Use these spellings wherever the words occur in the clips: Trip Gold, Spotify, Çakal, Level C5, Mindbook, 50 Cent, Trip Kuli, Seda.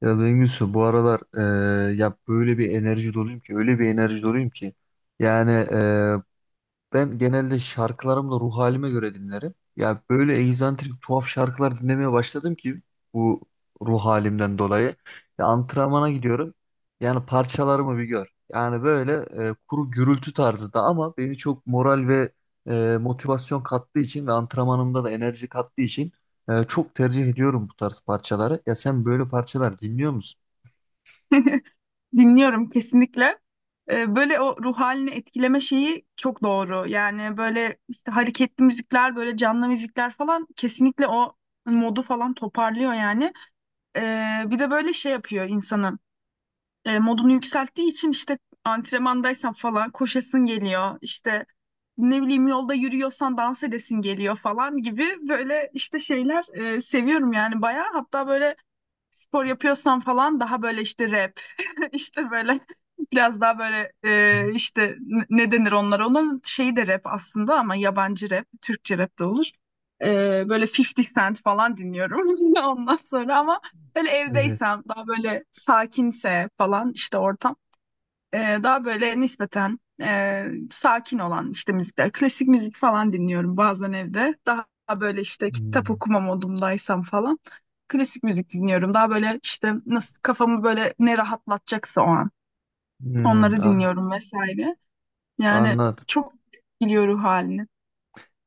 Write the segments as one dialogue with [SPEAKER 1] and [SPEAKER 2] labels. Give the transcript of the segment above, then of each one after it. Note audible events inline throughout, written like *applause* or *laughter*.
[SPEAKER 1] Ya Bengüsü, bu aralar ya böyle bir enerji doluyum ki öyle bir enerji doluyum ki, yani ben genelde şarkılarımı da ruh halime göre dinlerim. Ya böyle egzantrik tuhaf şarkılar dinlemeye başladım ki bu ruh halimden dolayı. Ya antrenmana gidiyorum. Yani parçalarımı bir gör. Yani böyle kuru gürültü tarzı da, ama beni çok moral ve motivasyon kattığı için ve antrenmanımda da enerji kattığı için çok tercih ediyorum bu tarz parçaları. Ya sen böyle parçalar dinliyor musun?
[SPEAKER 2] Dinliyorum kesinlikle. Böyle o ruh halini etkileme şeyi çok doğru. Yani böyle işte hareketli müzikler, böyle canlı müzikler falan kesinlikle o modu falan toparlıyor yani. Bir de böyle şey yapıyor insanı. Modunu yükselttiği için işte antrenmandaysan falan koşasın geliyor. İşte ne bileyim yolda yürüyorsan dans edesin geliyor falan gibi böyle işte şeyler seviyorum yani bayağı. Hatta böyle spor yapıyorsam falan daha böyle işte rap *laughs* işte böyle biraz daha böyle
[SPEAKER 1] Hı.
[SPEAKER 2] işte ne denir onlara onların şeyi de rap aslında ama yabancı rap Türkçe rap de olur. E, Böyle 50 Cent falan dinliyorum *laughs* ondan sonra ama böyle
[SPEAKER 1] Evet.
[SPEAKER 2] evdeysem daha böyle sakinse falan işte ortam daha böyle nispeten sakin olan işte müzikler. Klasik müzik falan dinliyorum bazen evde. Daha böyle işte kitap
[SPEAKER 1] Hmm.
[SPEAKER 2] okuma modumdaysam falan. Klasik müzik dinliyorum. Daha böyle işte nasıl kafamı böyle ne rahatlatacaksa o an.
[SPEAKER 1] Hmm,
[SPEAKER 2] Onları dinliyorum vesaire. Yani
[SPEAKER 1] anladım.
[SPEAKER 2] çok biliyor ruh halini.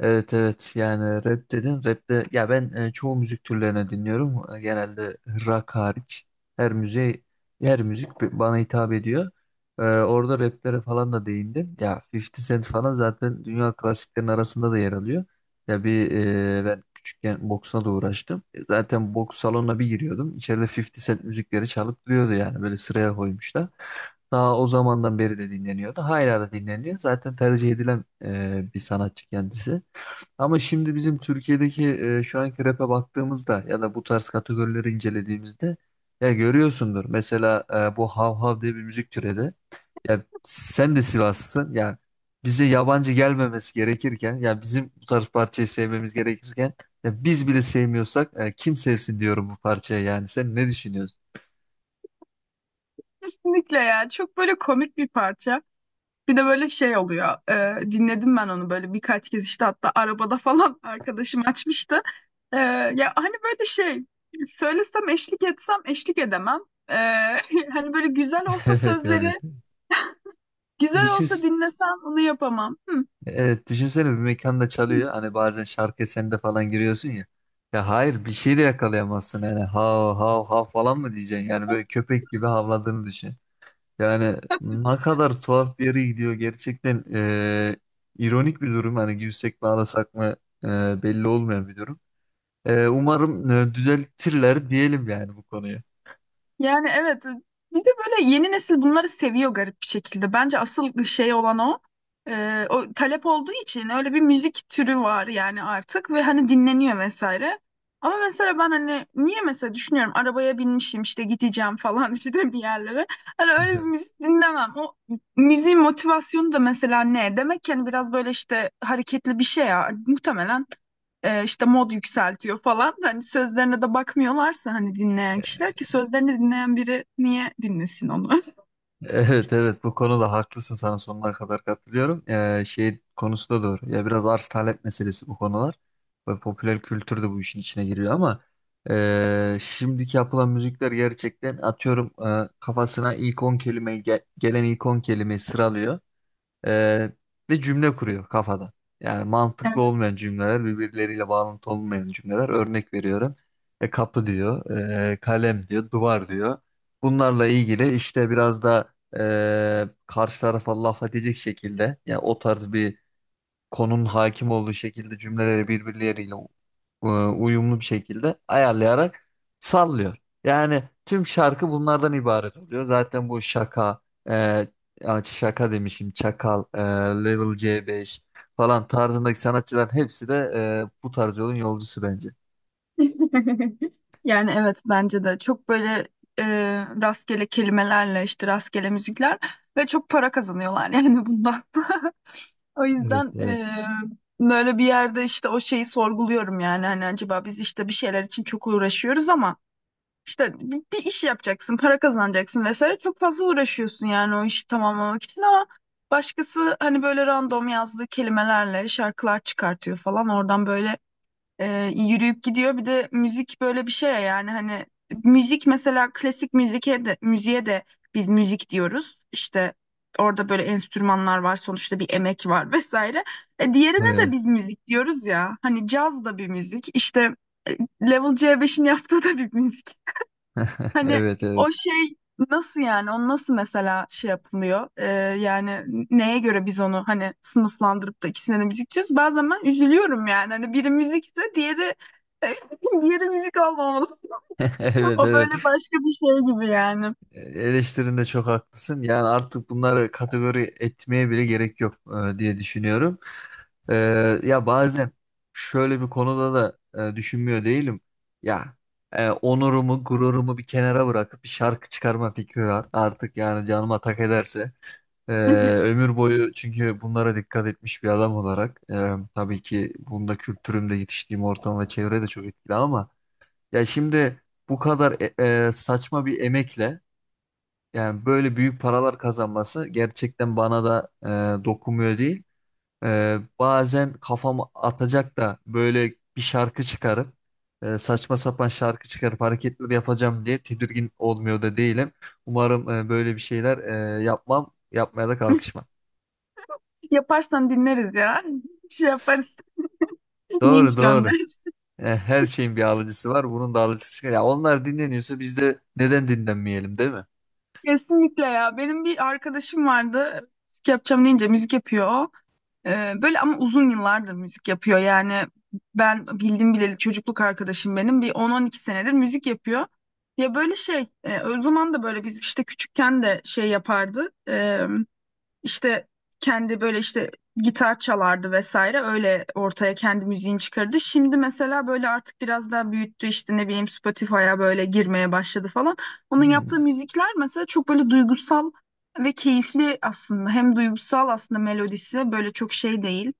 [SPEAKER 1] Evet, evet, yani rap dedin. Rap'te ya ben çoğu müzik türlerini dinliyorum. Genelde rock hariç. Her müziğe her müzik bana hitap ediyor. Orada raplere falan da değindin. Ya 50 Cent falan zaten dünya klasiklerinin arasında da yer alıyor. Ya bir ben küçükken boksla da uğraştım. Zaten boks salonuna bir giriyordum. İçeride 50 Cent müzikleri çalıp duruyordu, yani böyle sıraya koymuşlar. Daha o zamandan beri de dinleniyordu. Hala da dinleniyor. Zaten tercih edilen bir sanatçı kendisi. Ama şimdi bizim Türkiye'deki şu anki rap'e baktığımızda ya da bu tarz kategorileri incelediğimizde ya görüyorsundur. Mesela bu Hav Hav diye bir müzik türedi. Ya sen de Sivaslısın. Ya bize yabancı gelmemesi gerekirken, ya bizim bu tarz parçayı sevmemiz gerekirken, ya biz bile sevmiyorsak kim sevsin diyorum bu parçayı, yani. Sen ne düşünüyorsun?
[SPEAKER 2] Kesinlikle ya. Çok böyle komik bir parça. Bir de böyle şey oluyor. Dinledim ben onu böyle birkaç kez işte hatta arabada falan *laughs* arkadaşım açmıştı. E, Ya hani böyle şey söylesem eşlik etsem eşlik edemem. E, *laughs* Hani böyle güzel
[SPEAKER 1] *laughs*
[SPEAKER 2] olsa
[SPEAKER 1] Evet, evet.
[SPEAKER 2] sözleri güzel olsa dinlesem onu yapamam. Hı.
[SPEAKER 1] Evet, düşünsene, bir mekanda çalıyor. Hani bazen şarkı eserinde falan giriyorsun ya. Ya hayır, bir şey de yakalayamazsın. Yani hav hav hav falan mı diyeceksin? Yani böyle köpek gibi havladığını düşün. Yani ne kadar tuhaf bir yere gidiyor. Gerçekten ironik bir durum. Hani gülsek mi ağlasak mı belli olmayan bir durum. Umarım düzeltirler diyelim, yani bu konuyu.
[SPEAKER 2] Yani evet, bir de böyle yeni nesil bunları seviyor garip bir şekilde. Bence asıl şey olan o. O talep olduğu için öyle bir müzik türü var yani artık ve hani dinleniyor vesaire. Ama mesela ben hani niye mesela düşünüyorum arabaya binmişim işte gideceğim falan *laughs* işte bir yerlere. Hani öyle bir
[SPEAKER 1] *laughs*
[SPEAKER 2] müzik dinlemem. O müziğin motivasyonu da mesela ne? Demek ki hani biraz böyle işte hareketli bir şey ya. Muhtemelen işte mod yükseltiyor falan. Hani sözlerine de bakmıyorlarsa hani dinleyen kişiler ki sözlerini dinleyen biri niye dinlesin onu?
[SPEAKER 1] Evet, evet, bu konuda haklısın, sana sonuna kadar katılıyorum. Şey konusu da doğru. Ya biraz arz talep meselesi bu konular. Ve popüler kültür de bu işin içine giriyor, ama şimdiki yapılan müzikler gerçekten, atıyorum, kafasına ilk 10 kelime gelen ilk 10 kelimeyi sıralıyor. Ee, ve cümle kuruyor kafada. Yani mantıklı olmayan cümleler, birbirleriyle bağlantı olmayan cümleler. Örnek veriyorum. Kapı diyor, kalem diyor, duvar diyor. Bunlarla ilgili işte biraz da karşı tarafa laf edecek şekilde, yani o tarz bir konunun hakim olduğu şekilde cümleleri birbirleriyle uyumlu bir şekilde ayarlayarak sallıyor. Yani tüm şarkı bunlardan ibaret oluyor. Zaten bu şaka, e, şaka demişim, Çakal, Level C5 falan tarzındaki sanatçıların hepsi de bu tarz yolun yolcusu bence.
[SPEAKER 2] *laughs* Yani evet, bence de çok böyle e, rastgele kelimelerle işte rastgele müzikler ve çok para kazanıyorlar yani bundan. *laughs* O
[SPEAKER 1] Evet,
[SPEAKER 2] yüzden
[SPEAKER 1] evet.
[SPEAKER 2] böyle bir yerde işte o şeyi sorguluyorum yani hani acaba biz işte bir şeyler için çok uğraşıyoruz ama İşte bir iş yapacaksın, para kazanacaksın vesaire. Çok fazla uğraşıyorsun yani o işi tamamlamak için ama başkası hani böyle random yazdığı kelimelerle şarkılar çıkartıyor falan. Oradan böyle yürüyüp gidiyor. Bir de müzik böyle bir şey ya yani hani müzik mesela klasik müziğe de, müziğe de biz müzik diyoruz. İşte orada böyle enstrümanlar var, sonuçta bir emek var *laughs* vesaire. Diğerine de
[SPEAKER 1] Evet,
[SPEAKER 2] biz müzik diyoruz ya. Hani caz da bir müzik. İşte Level C5'in yaptığı da bir müzik. Hani
[SPEAKER 1] evet, evet.
[SPEAKER 2] o şey nasıl yani onu nasıl mesela şey yapılıyor. Yani neye göre biz onu hani sınıflandırıp da ikisine de müzik diyoruz, bazen ben üzülüyorum yani hani biri müzikse diğeri *laughs* diğeri müzik olmamalı.
[SPEAKER 1] *laughs*
[SPEAKER 2] *laughs*
[SPEAKER 1] Evet,
[SPEAKER 2] O böyle
[SPEAKER 1] evet.
[SPEAKER 2] başka bir şey gibi yani.
[SPEAKER 1] Eleştirinde çok haklısın. Yani artık bunları kategori etmeye bile gerek yok diye düşünüyorum. E, ya bazen şöyle bir konuda da düşünmüyor değilim. Ya onurumu, gururumu bir kenara bırakıp bir şarkı çıkarma fikri var. Artık, yani canıma tak ederse. E,
[SPEAKER 2] *laughs*
[SPEAKER 1] ömür boyu çünkü bunlara dikkat etmiş bir adam olarak. Tabii ki, bunda kültürümde yetiştiğim ortam ve çevre de çok etkili, ama ya şimdi bu kadar saçma bir emekle yani böyle büyük paralar kazanması gerçekten bana da dokunmuyor değil. Bazen kafamı atacak da böyle bir şarkı çıkarıp saçma sapan şarkı çıkarıp hareketler yapacağım diye tedirgin olmuyor da değilim. Umarım böyle bir şeyler yapmam, yapmaya da kalkışmam.
[SPEAKER 2] Yaparsan dinleriz ya, *laughs* şey yaparız,
[SPEAKER 1] Doğru,
[SPEAKER 2] link gönder.
[SPEAKER 1] doğru. Her şeyin bir alıcısı var, bunun da alıcısı çıkar. Ya onlar dinleniyorsa biz de neden dinlenmeyelim, değil mi?
[SPEAKER 2] Kesinlikle ya. Benim bir arkadaşım vardı. Müzik yapacağım deyince müzik yapıyor o. Böyle ama uzun yıllardır müzik yapıyor. Yani ben bildim bileli çocukluk arkadaşım benim. Bir 10-12 senedir müzik yapıyor. Ya böyle şey, o zaman da böyle biz işte küçükken de şey yapardı. İşte kendi böyle işte gitar çalardı vesaire, öyle ortaya kendi müziğini çıkardı. Şimdi mesela böyle artık biraz daha büyüttü, işte ne bileyim Spotify'a böyle girmeye başladı falan. Onun yaptığı
[SPEAKER 1] Hmm.
[SPEAKER 2] müzikler mesela çok böyle duygusal ve keyifli aslında. Hem duygusal aslında, melodisi böyle çok şey değil.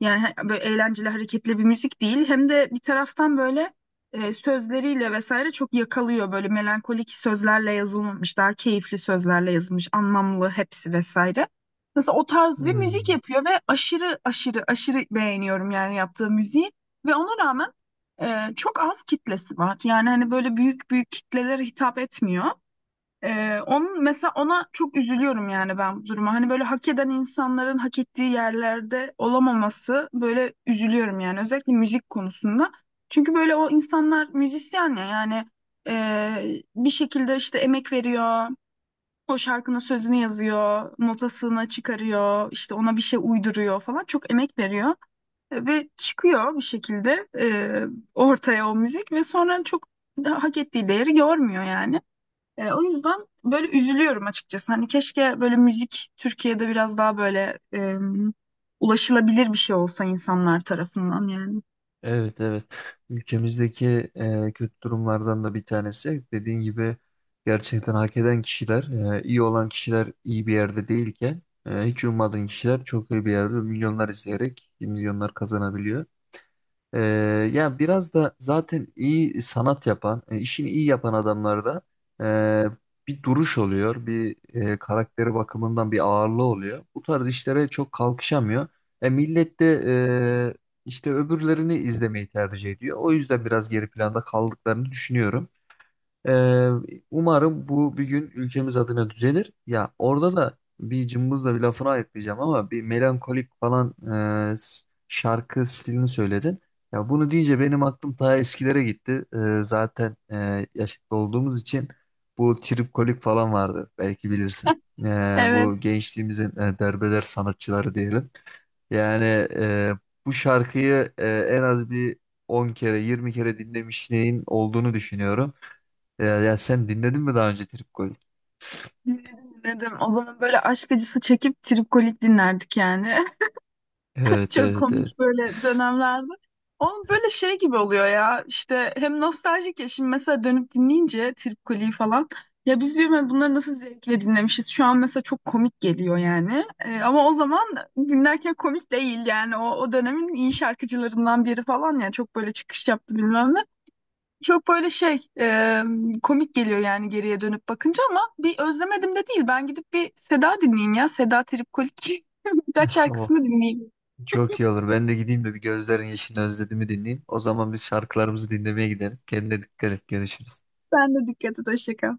[SPEAKER 2] Yani böyle eğlenceli hareketli bir müzik değil. Hem de bir taraftan böyle sözleriyle vesaire çok yakalıyor. Böyle melankolik sözlerle yazılmamış, daha keyifli sözlerle yazılmış, anlamlı hepsi vesaire. Mesela o tarz bir müzik
[SPEAKER 1] Hmm.
[SPEAKER 2] yapıyor ve aşırı aşırı aşırı beğeniyorum yani yaptığı müziği. Ve ona rağmen çok az kitlesi var. Yani hani böyle büyük büyük kitlelere hitap etmiyor. Onun mesela ona çok üzülüyorum yani ben bu duruma. Hani böyle hak eden insanların hak ettiği yerlerde olamaması, böyle üzülüyorum yani özellikle müzik konusunda. Çünkü böyle o insanlar müzisyen ya yani bir şekilde işte emek veriyor. O şarkının sözünü yazıyor, notasını çıkarıyor, işte ona bir şey uyduruyor falan. Çok emek veriyor. Ve çıkıyor bir şekilde ortaya o müzik ve sonra çok da hak ettiği değeri görmüyor yani. O yüzden böyle üzülüyorum açıkçası. Hani keşke böyle müzik Türkiye'de biraz daha böyle ulaşılabilir bir şey olsa insanlar tarafından yani.
[SPEAKER 1] Evet, evet. Ülkemizdeki kötü durumlardan da bir tanesi. Dediğin gibi gerçekten hak eden kişiler, iyi olan kişiler iyi bir yerde değilken, hiç ummadığın kişiler çok iyi bir yerde milyonlar izleyerek milyonlar kazanabiliyor. Ee, ya biraz da zaten iyi sanat yapan, işini iyi yapan adamlarda e, bir duruş oluyor, bir karakteri bakımından bir ağırlığı oluyor. Bu tarz işlere çok kalkışamıyor. Millet de e, işte öbürlerini izlemeyi tercih ediyor. O yüzden biraz geri planda kaldıklarını düşünüyorum. Ee, umarım bu bir gün ülkemiz adına düzelir. Ya orada da bir cımbızla bir lafını ayıklayacağım, ama bir melankolik falan e, s- şarkı stilini söyledin. Ya bunu deyince benim aklım ta eskilere gitti. Zaten yaşlı olduğumuz için bu tripkolik falan vardı, belki bilirsin. Bu
[SPEAKER 2] Evet,
[SPEAKER 1] gençliğimizin derbeder sanatçıları diyelim. Yani e, bu şarkıyı en az bir 10 kere 20 kere dinlemişliğin olduğunu düşünüyorum. Ya, ya sen dinledin mi daha önce Trip Gold?
[SPEAKER 2] dinledim dinledim. O zaman böyle aşk acısı çekip tripkolik dinlerdik yani. *laughs*
[SPEAKER 1] Evet,
[SPEAKER 2] Çok
[SPEAKER 1] evet, evet.
[SPEAKER 2] komik böyle dönemlerde. Onun böyle şey gibi oluyor ya, işte hem nostaljik ya şimdi mesela dönüp dinleyince Trip Kuli'yi falan, ya biz diyorum ya bunları nasıl zevkle dinlemişiz şu an, mesela çok komik geliyor yani. Ama o zaman dinlerken komik değil yani, o dönemin iyi şarkıcılarından biri falan, ya çok böyle çıkış yaptı bilmem ne, çok böyle şey komik geliyor yani geriye dönüp bakınca, ama bir özlemedim de değil, ben gidip bir Seda dinleyeyim ya, Seda Trip Kuli *laughs* birkaç
[SPEAKER 1] Ama
[SPEAKER 2] şarkısını dinleyeyim.
[SPEAKER 1] çok iyi olur. Ben de gideyim de bir Gözlerin Yeşilini Özledim'i dinleyeyim. O zaman biz şarkılarımızı dinlemeye gidelim. Kendine dikkat et. Görüşürüz.
[SPEAKER 2] Ben de dikkat et. Hoşça kal.